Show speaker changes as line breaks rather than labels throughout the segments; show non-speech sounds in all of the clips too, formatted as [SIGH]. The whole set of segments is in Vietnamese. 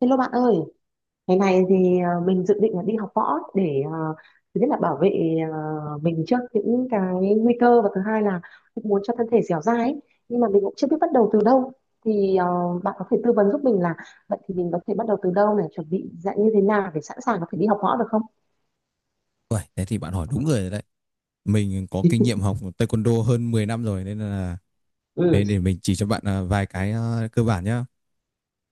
Hello bạn ơi, ngày này thì mình dự định là đi học võ để thứ nhất là bảo vệ mình trước những cái nguy cơ và thứ hai là cũng muốn cho thân thể dẻo dai ấy. Nhưng mà mình cũng chưa biết bắt đầu từ đâu. Thì bạn có thể tư vấn giúp mình là vậy thì mình có thể bắt đầu từ đâu này, chuẩn bị dạng như thế nào để sẵn sàng có thể đi học võ được không?
Uầy, thế thì bạn hỏi đúng người rồi đấy. Mình có kinh nghiệm học taekwondo hơn 10 năm rồi nên là
Ừ,
để mình chỉ cho bạn vài cái cơ bản nhá.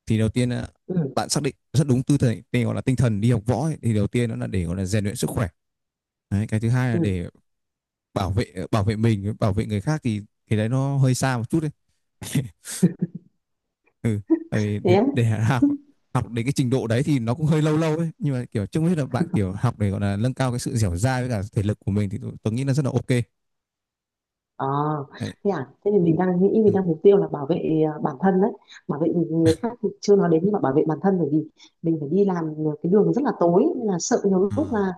Thì đầu tiên là
ừ,
bạn xác định rất đúng tư thế, tên gọi là tinh thần đi học võ ấy. Thì đầu tiên nó là để gọi là rèn luyện sức khỏe. Đấy, cái thứ hai
ừ.
là để bảo vệ mình, bảo vệ người khác, thì đấy nó hơi xa một chút đấy. [LAUGHS] Ừ, tại vì
Thế
để,
á.
để học học đến cái trình độ đấy thì nó cũng hơi lâu lâu ấy, nhưng mà kiểu chung hết là bạn kiểu học để gọi là nâng cao cái sự dẻo dai với cả thể lực của mình thì tôi nghĩ là rất là ok
Ờ,
đấy.
thế à, thế thì mình đang nghĩ
Ừ.
mình đang mục tiêu là bảo vệ à, bản thân đấy, bảo vệ người khác thì chưa nói đến nhưng mà bảo vệ bản thân bởi vì mình phải đi làm cái đường rất là tối nên là sợ nhiều
À,
lúc là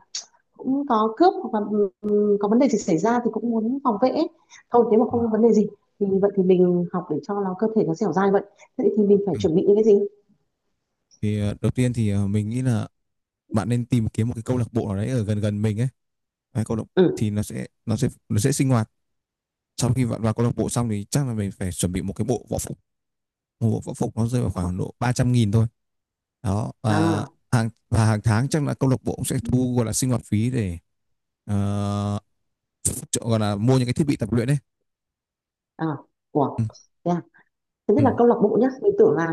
cũng có cướp hoặc là ừ, có vấn đề gì xảy ra thì cũng muốn phòng vệ ấy. Thôi nếu mà
ừ.
không có vấn đề gì thì vậy thì mình học để cho nó cơ thể nó dẻo dai vậy thế thì mình phải
Ừ.
chuẩn bị những cái gì.
Thì đầu tiên thì mình nghĩ là bạn nên tìm kiếm một cái câu lạc bộ nào đấy ở gần gần mình ấy. Đấy, câu lạc
Ừ,
thì nó sẽ sinh hoạt. Sau khi bạn vào câu lạc bộ xong thì chắc là mình phải chuẩn bị một cái bộ võ phục. Một bộ võ phục nó rơi vào khoảng độ 300.000 thôi. Đó, và
à,
hàng tháng chắc là câu lạc bộ cũng sẽ thu gọi là sinh hoạt phí để ờ, gọi là mua những cái thiết bị tập luyện ấy.
à, ủa
Ừm.
thế à? Thứ nhất là
Ừm.
câu lạc bộ nhá, mình tưởng là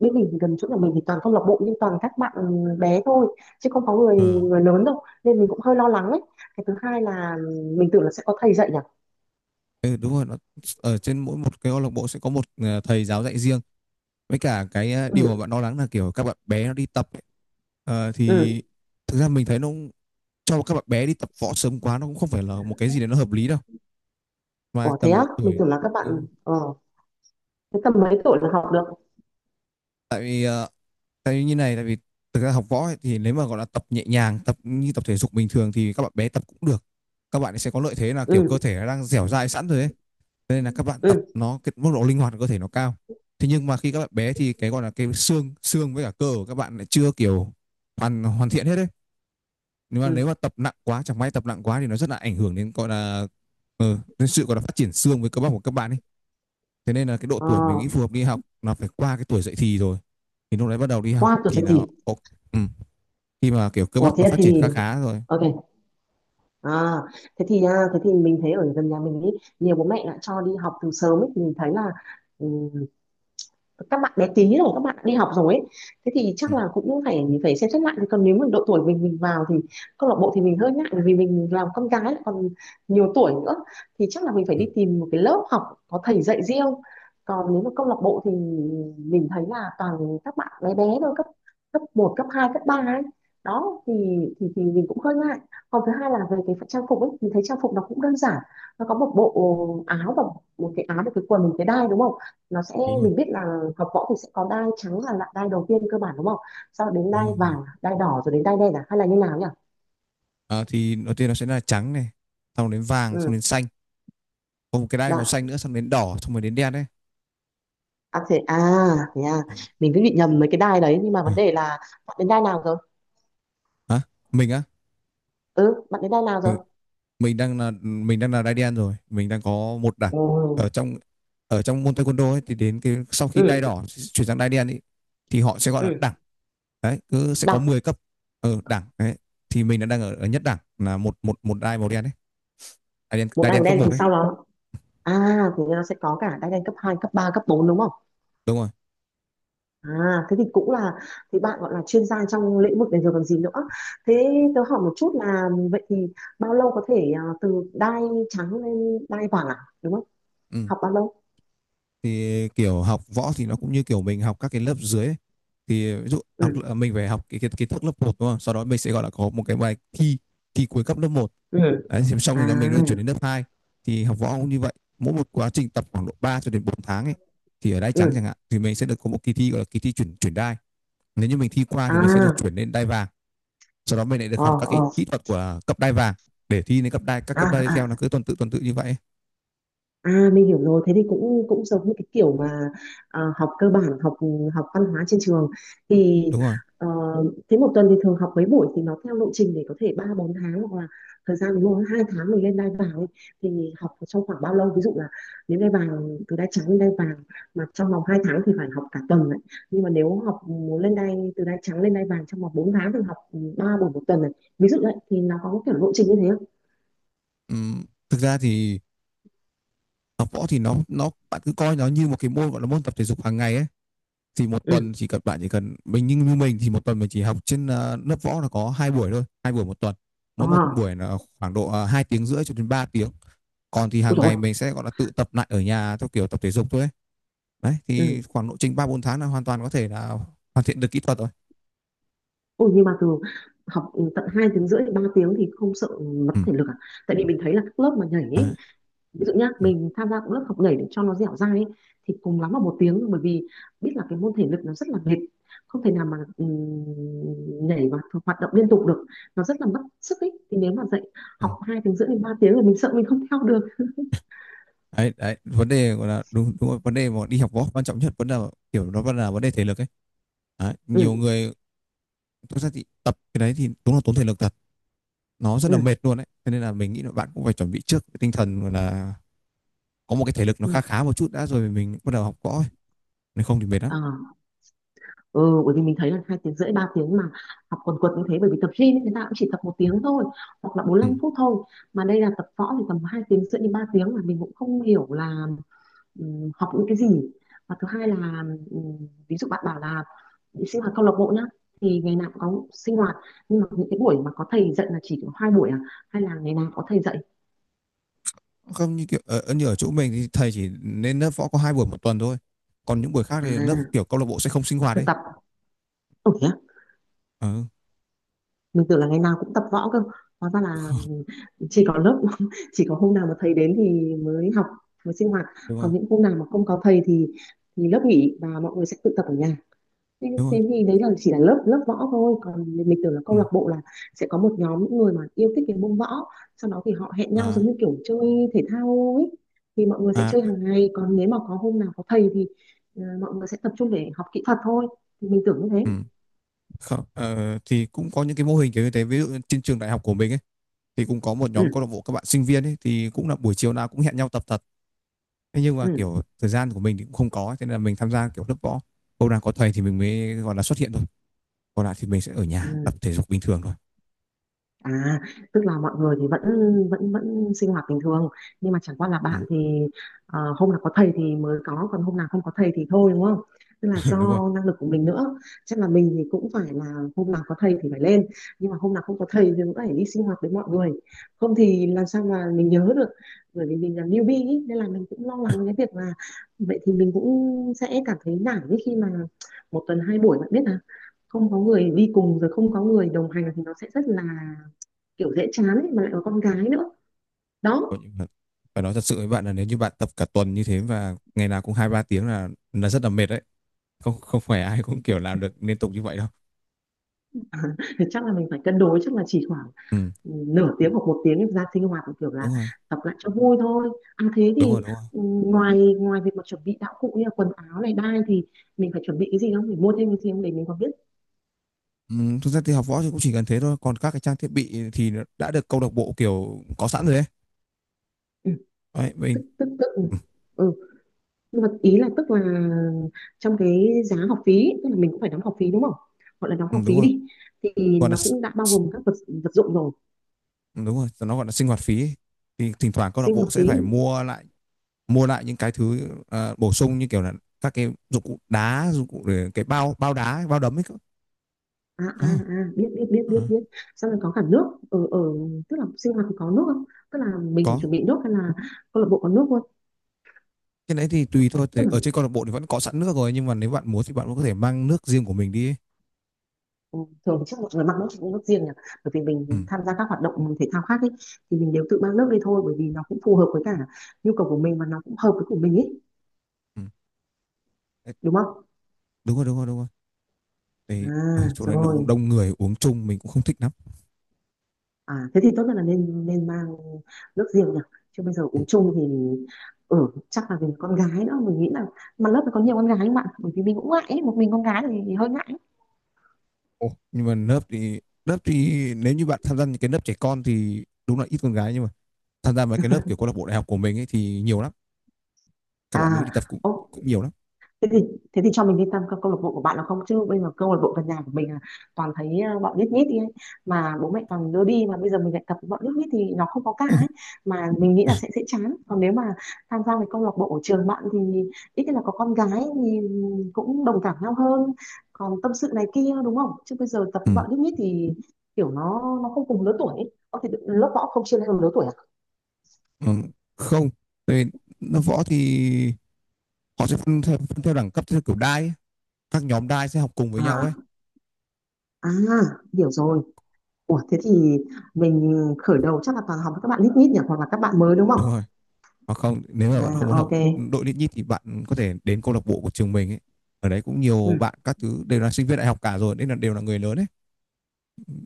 bên mình thì gần chỗ nhà mình thì toàn câu lạc bộ nhưng toàn các bạn bé thôi chứ không có người
Ờ.
người lớn đâu nên mình cũng hơi lo lắng ấy. Cái thứ hai là mình tưởng là sẽ có thầy dạy nhỉ.
Ừ, đúng rồi, nó ở trên mỗi một cái câu lạc bộ sẽ có một thầy giáo dạy riêng. Với cả cái điều mà
Ừ,
bạn lo lắng là kiểu các bạn bé nó đi tập ấy,
ừ.
thì thực ra mình thấy cho các bạn bé đi tập võ sớm quá nó cũng không phải là một cái gì đấy nó hợp lý đâu. Mà
Ủa thế á,
tầm
mình
tuổi,
tưởng là các
ừ,
bạn ờ, thế tầm mấy tuổi là học được?
tại vì, ờ, tại vì như này, tại vì thực ra học võ ấy, thì nếu mà gọi là tập nhẹ nhàng, tập như tập thể dục bình thường thì các bạn bé tập cũng được. Các bạn ấy sẽ có lợi thế là kiểu cơ
Ừ,
thể nó đang dẻo dai sẵn rồi ấy. Nên là các bạn tập
ừ,
nó, cái mức độ linh hoạt của cơ thể nó cao, thế nhưng mà khi các bạn bé thì cái gọi là cái xương xương với cả cơ của các bạn lại chưa kiểu hoàn hoàn thiện hết đấy. nếu mà
ừ.
nếu mà tập nặng quá, chẳng may tập nặng quá thì nó rất là ảnh hưởng đến gọi là đến sự gọi là phát triển xương với cơ bắp của các bạn ấy. Thế nên là cái độ
Ờ,
tuổi mình nghĩ phù hợp đi học là phải qua cái tuổi dậy thì rồi, thì lúc đấy bắt đầu đi học
qua tuổi
thì
dậy
là
thì.
ừ, khi mà kiểu cơ
Ủa
bắp nó
thế
phát triển
thì
khá khá rồi.
Ok. À, à, thế thì mình thấy ở gần nhà mình ý, nhiều bố mẹ đã cho đi học từ sớm ấy, mình thấy là các bạn bé tí rồi các bạn đã đi học rồi ấy, thế thì chắc
Ừ.
là cũng phải phải xem xét lại. Còn nếu mà độ tuổi mình vào thì câu lạc bộ thì mình hơi ngại bởi vì mình làm con gái lại còn nhiều tuổi nữa thì chắc là mình phải
Ừ,
đi tìm một cái lớp học có thầy dạy riêng. Còn nếu mà câu lạc bộ thì mình thấy là toàn các bạn bé bé thôi, cấp cấp một cấp 2 cấp 3 ấy, đó thì thì mình cũng hơi ngại. Còn thứ hai là về cái trang phục ấy, mình thấy trang phục nó cũng đơn giản, nó có một bộ áo và một cái áo một cái quần một cái đai đúng không, nó sẽ,
đúng rồi,
mình biết là học võ thì sẽ có đai trắng là lại đai đầu tiên cơ bản đúng không, sau đến
đúng
đai
rồi, đúng rồi.
vàng đai đỏ rồi đến đai đen, à hay là như nào nhỉ?
À, thì đầu tiên nó sẽ là trắng này, xong đến vàng, xong đến
Ừ,
xanh, có một cái đai màu
đã,
xanh nữa, xong đến đỏ, xong rồi đến đen đấy.
à thế à, thế à, mình cứ bị nhầm mấy cái đai đấy. Nhưng mà vấn đề là bạn đến đai nào rồi?
Hả? Mình á?
Ừ, bạn đến đai nào rồi?
Mình đang là đai đen rồi, mình đang có một đẳng.
Ừ,
Ở trong ở trong môn taekwondo ấy, thì đến cái sau khi đai
ừ,
đỏ chuyển sang đai đen ấy, thì họ sẽ gọi
ừ,
là đẳng. Đấy, cứ sẽ có
đọc
10 cấp. Đẳng đấy. Thì mình đang ở nhất đẳng, là một một một đai màu đen đấy. Đai đen,
một
đai
đai màu
đen cấp
đen
một
thì
đấy.
sau đó, à thì nó sẽ có cả đai đen cấp 2, cấp 3, cấp 4 đúng không?
Đúng rồi.
À, thế thì cũng là, thì bạn gọi là chuyên gia trong lĩnh vực này rồi còn gì nữa. Thế tớ hỏi một chút là vậy thì bao lâu có thể à, từ đai trắng lên đai vàng à, đúng không?
Ừ,
Học bao lâu?
thì kiểu học võ thì nó cũng như kiểu mình học các cái lớp dưới ấy. Thì ví dụ học,
Ừ,
mình phải học cái kiến kiến thức lớp một đúng không, sau đó mình sẽ gọi là có một cái bài thi thi cuối cấp lớp một.
ừ,
Đấy, thì xong
à,
rồi đó mình lại chuyển đến lớp hai, thì học võ cũng như vậy. Mỗi một quá trình tập khoảng độ 3 cho đến 4 tháng ấy, thì ở đai trắng
ừ,
chẳng hạn thì mình sẽ được có một kỳ thi, gọi là kỳ thi chuyển chuyển đai. Nếu như mình thi qua thì mình sẽ được
à,
chuyển lên đai vàng, sau đó mình lại được
ờ,
học các cái
ờ,
kỹ thuật của cấp đai vàng, để thi đến cấp đai, các
à,
cấp đai tiếp theo, nó
à,
cứ tuần tự như vậy.
à mình hiểu rồi, thế thì cũng cũng giống như cái kiểu mà à, học cơ bản, học học văn hóa trên trường thì
Đúng rồi.
ờ, thế một tuần thì thường học mấy buổi thì nó theo lộ trình để có thể 3 4 tháng hoặc là thời gian ví dụ 2 tháng mình lên đai vàng ấy, thì học trong khoảng bao lâu? Ví dụ là nếu đai vàng từ đai trắng lên đai vàng mà trong vòng 2 tháng thì phải học cả tuần này. Nhưng mà nếu học muốn lên đai từ đai trắng lên đai vàng trong vòng 4 tháng thì học 3 buổi một tuần này. Ví dụ đấy thì nó có kiểu lộ trình như thế không?
uhm, thực ra thì học võ thì nó bạn cứ coi nó như một cái môn, gọi là môn tập thể dục hàng ngày ấy. Thì một
Ừ.
tuần chỉ cần mình, như như mình thì một tuần mình chỉ học trên lớp võ là có hai buổi thôi, 2 buổi một tuần. Mỗi một
À,
buổi là khoảng độ hai tiếng rưỡi cho đến 3 tiếng. Còn thì
ôi
hàng
rồi.
ngày mình sẽ gọi là tự tập lại ở nhà theo kiểu tập thể dục thôi ấy. Đấy, thì khoảng lộ trình ba bốn tháng là hoàn toàn có thể là hoàn thiện được kỹ thuật rồi.
Ôi nhưng mà từ học ừ, tận 2 tiếng rưỡi 3 tiếng thì không sợ mất
Ừ.
thể lực à? Tại vì mình thấy là các lớp mà nhảy
Đấy.
ấy, ví dụ nhá,
Ừ.
mình tham gia cũng lớp học nhảy để cho nó dẻo dai ấy, thì cùng lắm là một tiếng thôi, bởi vì biết là cái môn thể lực nó rất là mệt, không thể nào mà nhảy và hoạt động liên tục được, nó rất là mất sức ấy. Thì nếu mà dạy
Ừ.
học 2 tiếng rưỡi đến 3 tiếng là mình sợ mình không theo được.
Đấy, đấy, vấn đề gọi là đúng, đúng rồi. Vấn đề mà đi học võ quan trọng nhất vẫn là kiểu, nó vẫn là vấn đề thể lực ấy. Đấy,
Ừ,
nhiều người thực ra thì tập cái đấy thì đúng là tốn thể lực thật, nó rất là
ừ,
mệt luôn đấy. Thế nên là mình nghĩ là bạn cũng phải chuẩn bị trước cái tinh thần, gọi là có một cái thể lực nó
ừ.
khá khá một chút đã rồi mình bắt đầu học võ ấy. Nếu không thì mệt lắm.
Ờ. Ừ, bởi vì mình thấy là hai tiếng rưỡi ba tiếng mà học quần quật như thế, bởi vì tập gym ấy, người ta cũng chỉ tập một tiếng thôi hoặc là bốn
Ừ.
lăm phút thôi, mà đây là tập võ thì tầm hai tiếng rưỡi đến ba tiếng mà mình cũng không hiểu là học những cái gì. Và thứ hai là ví dụ bạn bảo là đi sinh hoạt câu lạc bộ nhá, thì ngày nào cũng có sinh hoạt nhưng mà những cái buổi mà có thầy dạy là chỉ có hai buổi à hay là ngày nào có thầy dạy,
Không, như kiểu như ở chỗ mình thì thầy chỉ nên lớp võ có 2 buổi một tuần thôi, còn những buổi khác thì lớp
à
kiểu câu lạc bộ sẽ không sinh hoạt
thực
đấy.
tập ừ,
Ừ. [LAUGHS]
mình tưởng là ngày nào cũng tập võ cơ, hóa ra là
Không,
chỉ có lớp [LAUGHS] chỉ có hôm nào mà thầy đến thì mới học, mới sinh hoạt.
đúng rồi,
Còn những hôm nào mà không có thầy thì lớp nghỉ và mọi người sẽ tự tập ở nhà. Thế,
đúng rồi.
thế thì đấy là chỉ là lớp lớp võ thôi, còn mình tưởng là
Ừ.
câu lạc bộ là sẽ có một nhóm những người mà yêu thích cái môn võ, sau đó thì họ hẹn nhau giống
À.
như kiểu chơi thể thao ấy, thì mọi người sẽ
À.
chơi hàng ngày, còn nếu mà có hôm nào có thầy thì ờ, mọi người sẽ tập trung để học kỹ thuật thôi, thì mình tưởng như
Ừ.
thế.
Không, thì cũng có những cái mô hình kiểu như thế, ví dụ trên trường đại học của mình ấy, thì cũng có một nhóm câu lạc
Ừ,
bộ các bạn sinh viên ấy, thì cũng là buổi chiều nào cũng hẹn nhau tập thật. Thế nhưng mà
ừ,
kiểu thời gian của mình thì cũng không có, cho nên là mình tham gia kiểu lớp võ, hôm nào có thầy thì mình mới gọi là xuất hiện thôi, còn lại thì mình sẽ ở nhà
ừ.
tập thể dục bình thường thôi.
À, tức là mọi người thì vẫn vẫn vẫn sinh hoạt bình thường, nhưng mà chẳng qua là
Ừ.
bạn thì ờ, hôm nào có thầy thì mới có còn hôm nào không có thầy thì thôi đúng không? Tức là
[LAUGHS] Đúng rồi.
do năng lực của mình nữa. Chắc là mình thì cũng phải là hôm nào có thầy thì phải lên, nhưng mà hôm nào không có thầy thì cũng phải đi sinh hoạt với mọi người. Không thì làm sao mà mình nhớ được, bởi vì mình là newbie ý, nên là mình cũng lo lắng cái việc là vậy thì mình cũng sẽ cảm thấy nản ấy, khi mà một tuần hai buổi bạn biết là không có người đi cùng rồi không có người đồng hành thì nó sẽ rất là kiểu dễ chán ấy, mà lại có con gái nữa
Có,
đó,
phải nói thật sự với bạn là nếu như bạn tập cả tuần như thế và ngày nào cũng hai ba tiếng là rất là mệt đấy, không không phải ai cũng kiểu làm được liên tục như vậy đâu.
thì chắc là mình phải cân đối, chắc là chỉ khoảng
Ừ.
ừ, nửa tiếng hoặc một tiếng ra sinh hoạt kiểu là
Đúng rồi,
tập lại cho vui thôi. À thế
đúng
thì
rồi, đúng rồi.
ừ, ngoài ngoài việc mà chuẩn bị đạo cụ như là quần áo này đai thì mình phải chuẩn bị cái gì không, mình mua thêm cái gì không để mình còn biết.
Ừ, thực ra thì học võ thì cũng chỉ cần thế thôi, còn các cái trang thiết bị thì nó đã được câu lạc bộ kiểu có sẵn rồi đấy.
Ừ,
Đấy, mình.
tức tức tức ừ.
Ừ.
Ừ. Nhưng mà ý là tức là trong cái giá học phí tức là mình cũng phải đóng học phí đúng không, gọi là đóng
Ừ,
học
đúng
phí
rồi.
đi thì
còn là
nó
s-
cũng đã bao gồm các vật vật dụng rồi.
đúng rồi, nó gọi là sinh hoạt phí ấy. Thì thỉnh thoảng câu lạc
Sinh
bộ
hoạt
sẽ
phí.
phải mua lại những cái thứ bổ sung, như kiểu là các cái dụng cụ đá, dụng cụ để cái bao bao đá, bao đấm ấy cơ.
À, à,
Ờ.
à, biết biết biết biết
Ờ.
biết Xong rồi có cả nước, ở ở tức là sinh hoạt thì có nước không, tức là mình phải
Có,
chuẩn bị nước hay là câu lạc bộ có nước luôn.
cái đấy thì tùy thôi.
Tức
Thì
là
ở trên câu lạc bộ thì vẫn có sẵn nước rồi, nhưng mà nếu bạn muốn thì bạn cũng có thể mang nước riêng của mình đi ấy.
ừ, thường thì chắc mọi người mang nước, nước riêng nhỉ, bởi vì
Ừ.
mình tham gia các hoạt động thể thao khác ấy, thì mình đều tự mang nước đi thôi, bởi vì nó cũng phù hợp với cả nhu cầu của mình và nó cũng hợp với của mình ấy
Ừ. Đấy,
đúng không?
đúng rồi, đúng rồi, đúng rồi, thì ở
À
chỗ đấy nó cũng
rồi.
đông người uống chung mình cũng không thích lắm.
À, thế thì tốt nhất là nên nên mang nước riêng nhỉ, chứ bây giờ
Ừ.
uống chung thì ừ, chắc là vì con gái nữa, mình nghĩ là, mà lớp này có nhiều con gái không bạn, bởi vì mình cũng ngại ấy. Một mình con gái thì hơi ngại.
Ồ, nhưng mà lớp thì, lớp thì nếu như bạn tham gia những cái lớp trẻ con thì đúng là ít con gái, nhưng mà tham gia vào cái lớp kiểu câu lạc bộ đại học của mình ấy thì nhiều lắm, các bạn nữ
À
đi tập cũng
ok,
cũng nhiều lắm.
thế thì thế thì cho mình đi tham các câu lạc bộ của bạn là không, chứ bây giờ câu lạc bộ gần nhà của mình là toàn thấy ờ, bọn nhít nhít đi ấy, mà bố mẹ toàn đưa đi, mà bây giờ mình lại tập với bọn nhít nhít thì nó không có cả ấy,
[LAUGHS]
mà mình nghĩ là sẽ chán. Còn nếu mà tham gia cái câu lạc bộ ở trường bạn thì ít nhất là có con gái thì cũng đồng cảm nhau hơn, còn tâm sự này kia đúng không, chứ bây giờ tập
Ừ.
với bọn nhít nhít thì kiểu nó không cùng lứa tuổi ấy. Có thể lớp võ không chia theo lứa tuổi à?
Ừ. Không, tại vì nó võ thì họ sẽ phân theo đẳng cấp, theo kiểu đai ấy. Các nhóm đai sẽ học cùng với nhau
À,
ấy.
à, hiểu rồi. Ủa, thế thì mình khởi đầu chắc là toàn học với các bạn lít nhít nhỉ, hoặc là các bạn mới đúng không?
Đúng rồi, hoặc không, nếu mà bạn không muốn
À
học
ok.
đội lít nhít thì bạn có thể đến câu lạc bộ của trường mình ấy, ở đấy cũng nhiều,
Ừ.
bạn các thứ đều là sinh viên đại học cả rồi nên là đều là người lớn ấy,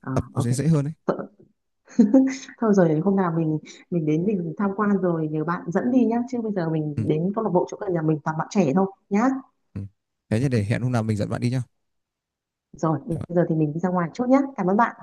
Ờ,
tập nó
ok.
sẽ
[LAUGHS]
dễ hơn ấy.
Thôi rồi hôm nào mình đến mình tham quan rồi nhờ bạn dẫn đi nhá, chứ bây giờ mình
Ừ.
đến câu lạc bộ chỗ gần nhà mình toàn bạn trẻ thôi nhá.
Ừ, thế thì để hẹn hôm nào mình dẫn bạn đi nhá.
Rồi bây giờ thì mình đi ra ngoài chút nhá. Cảm ơn bạn.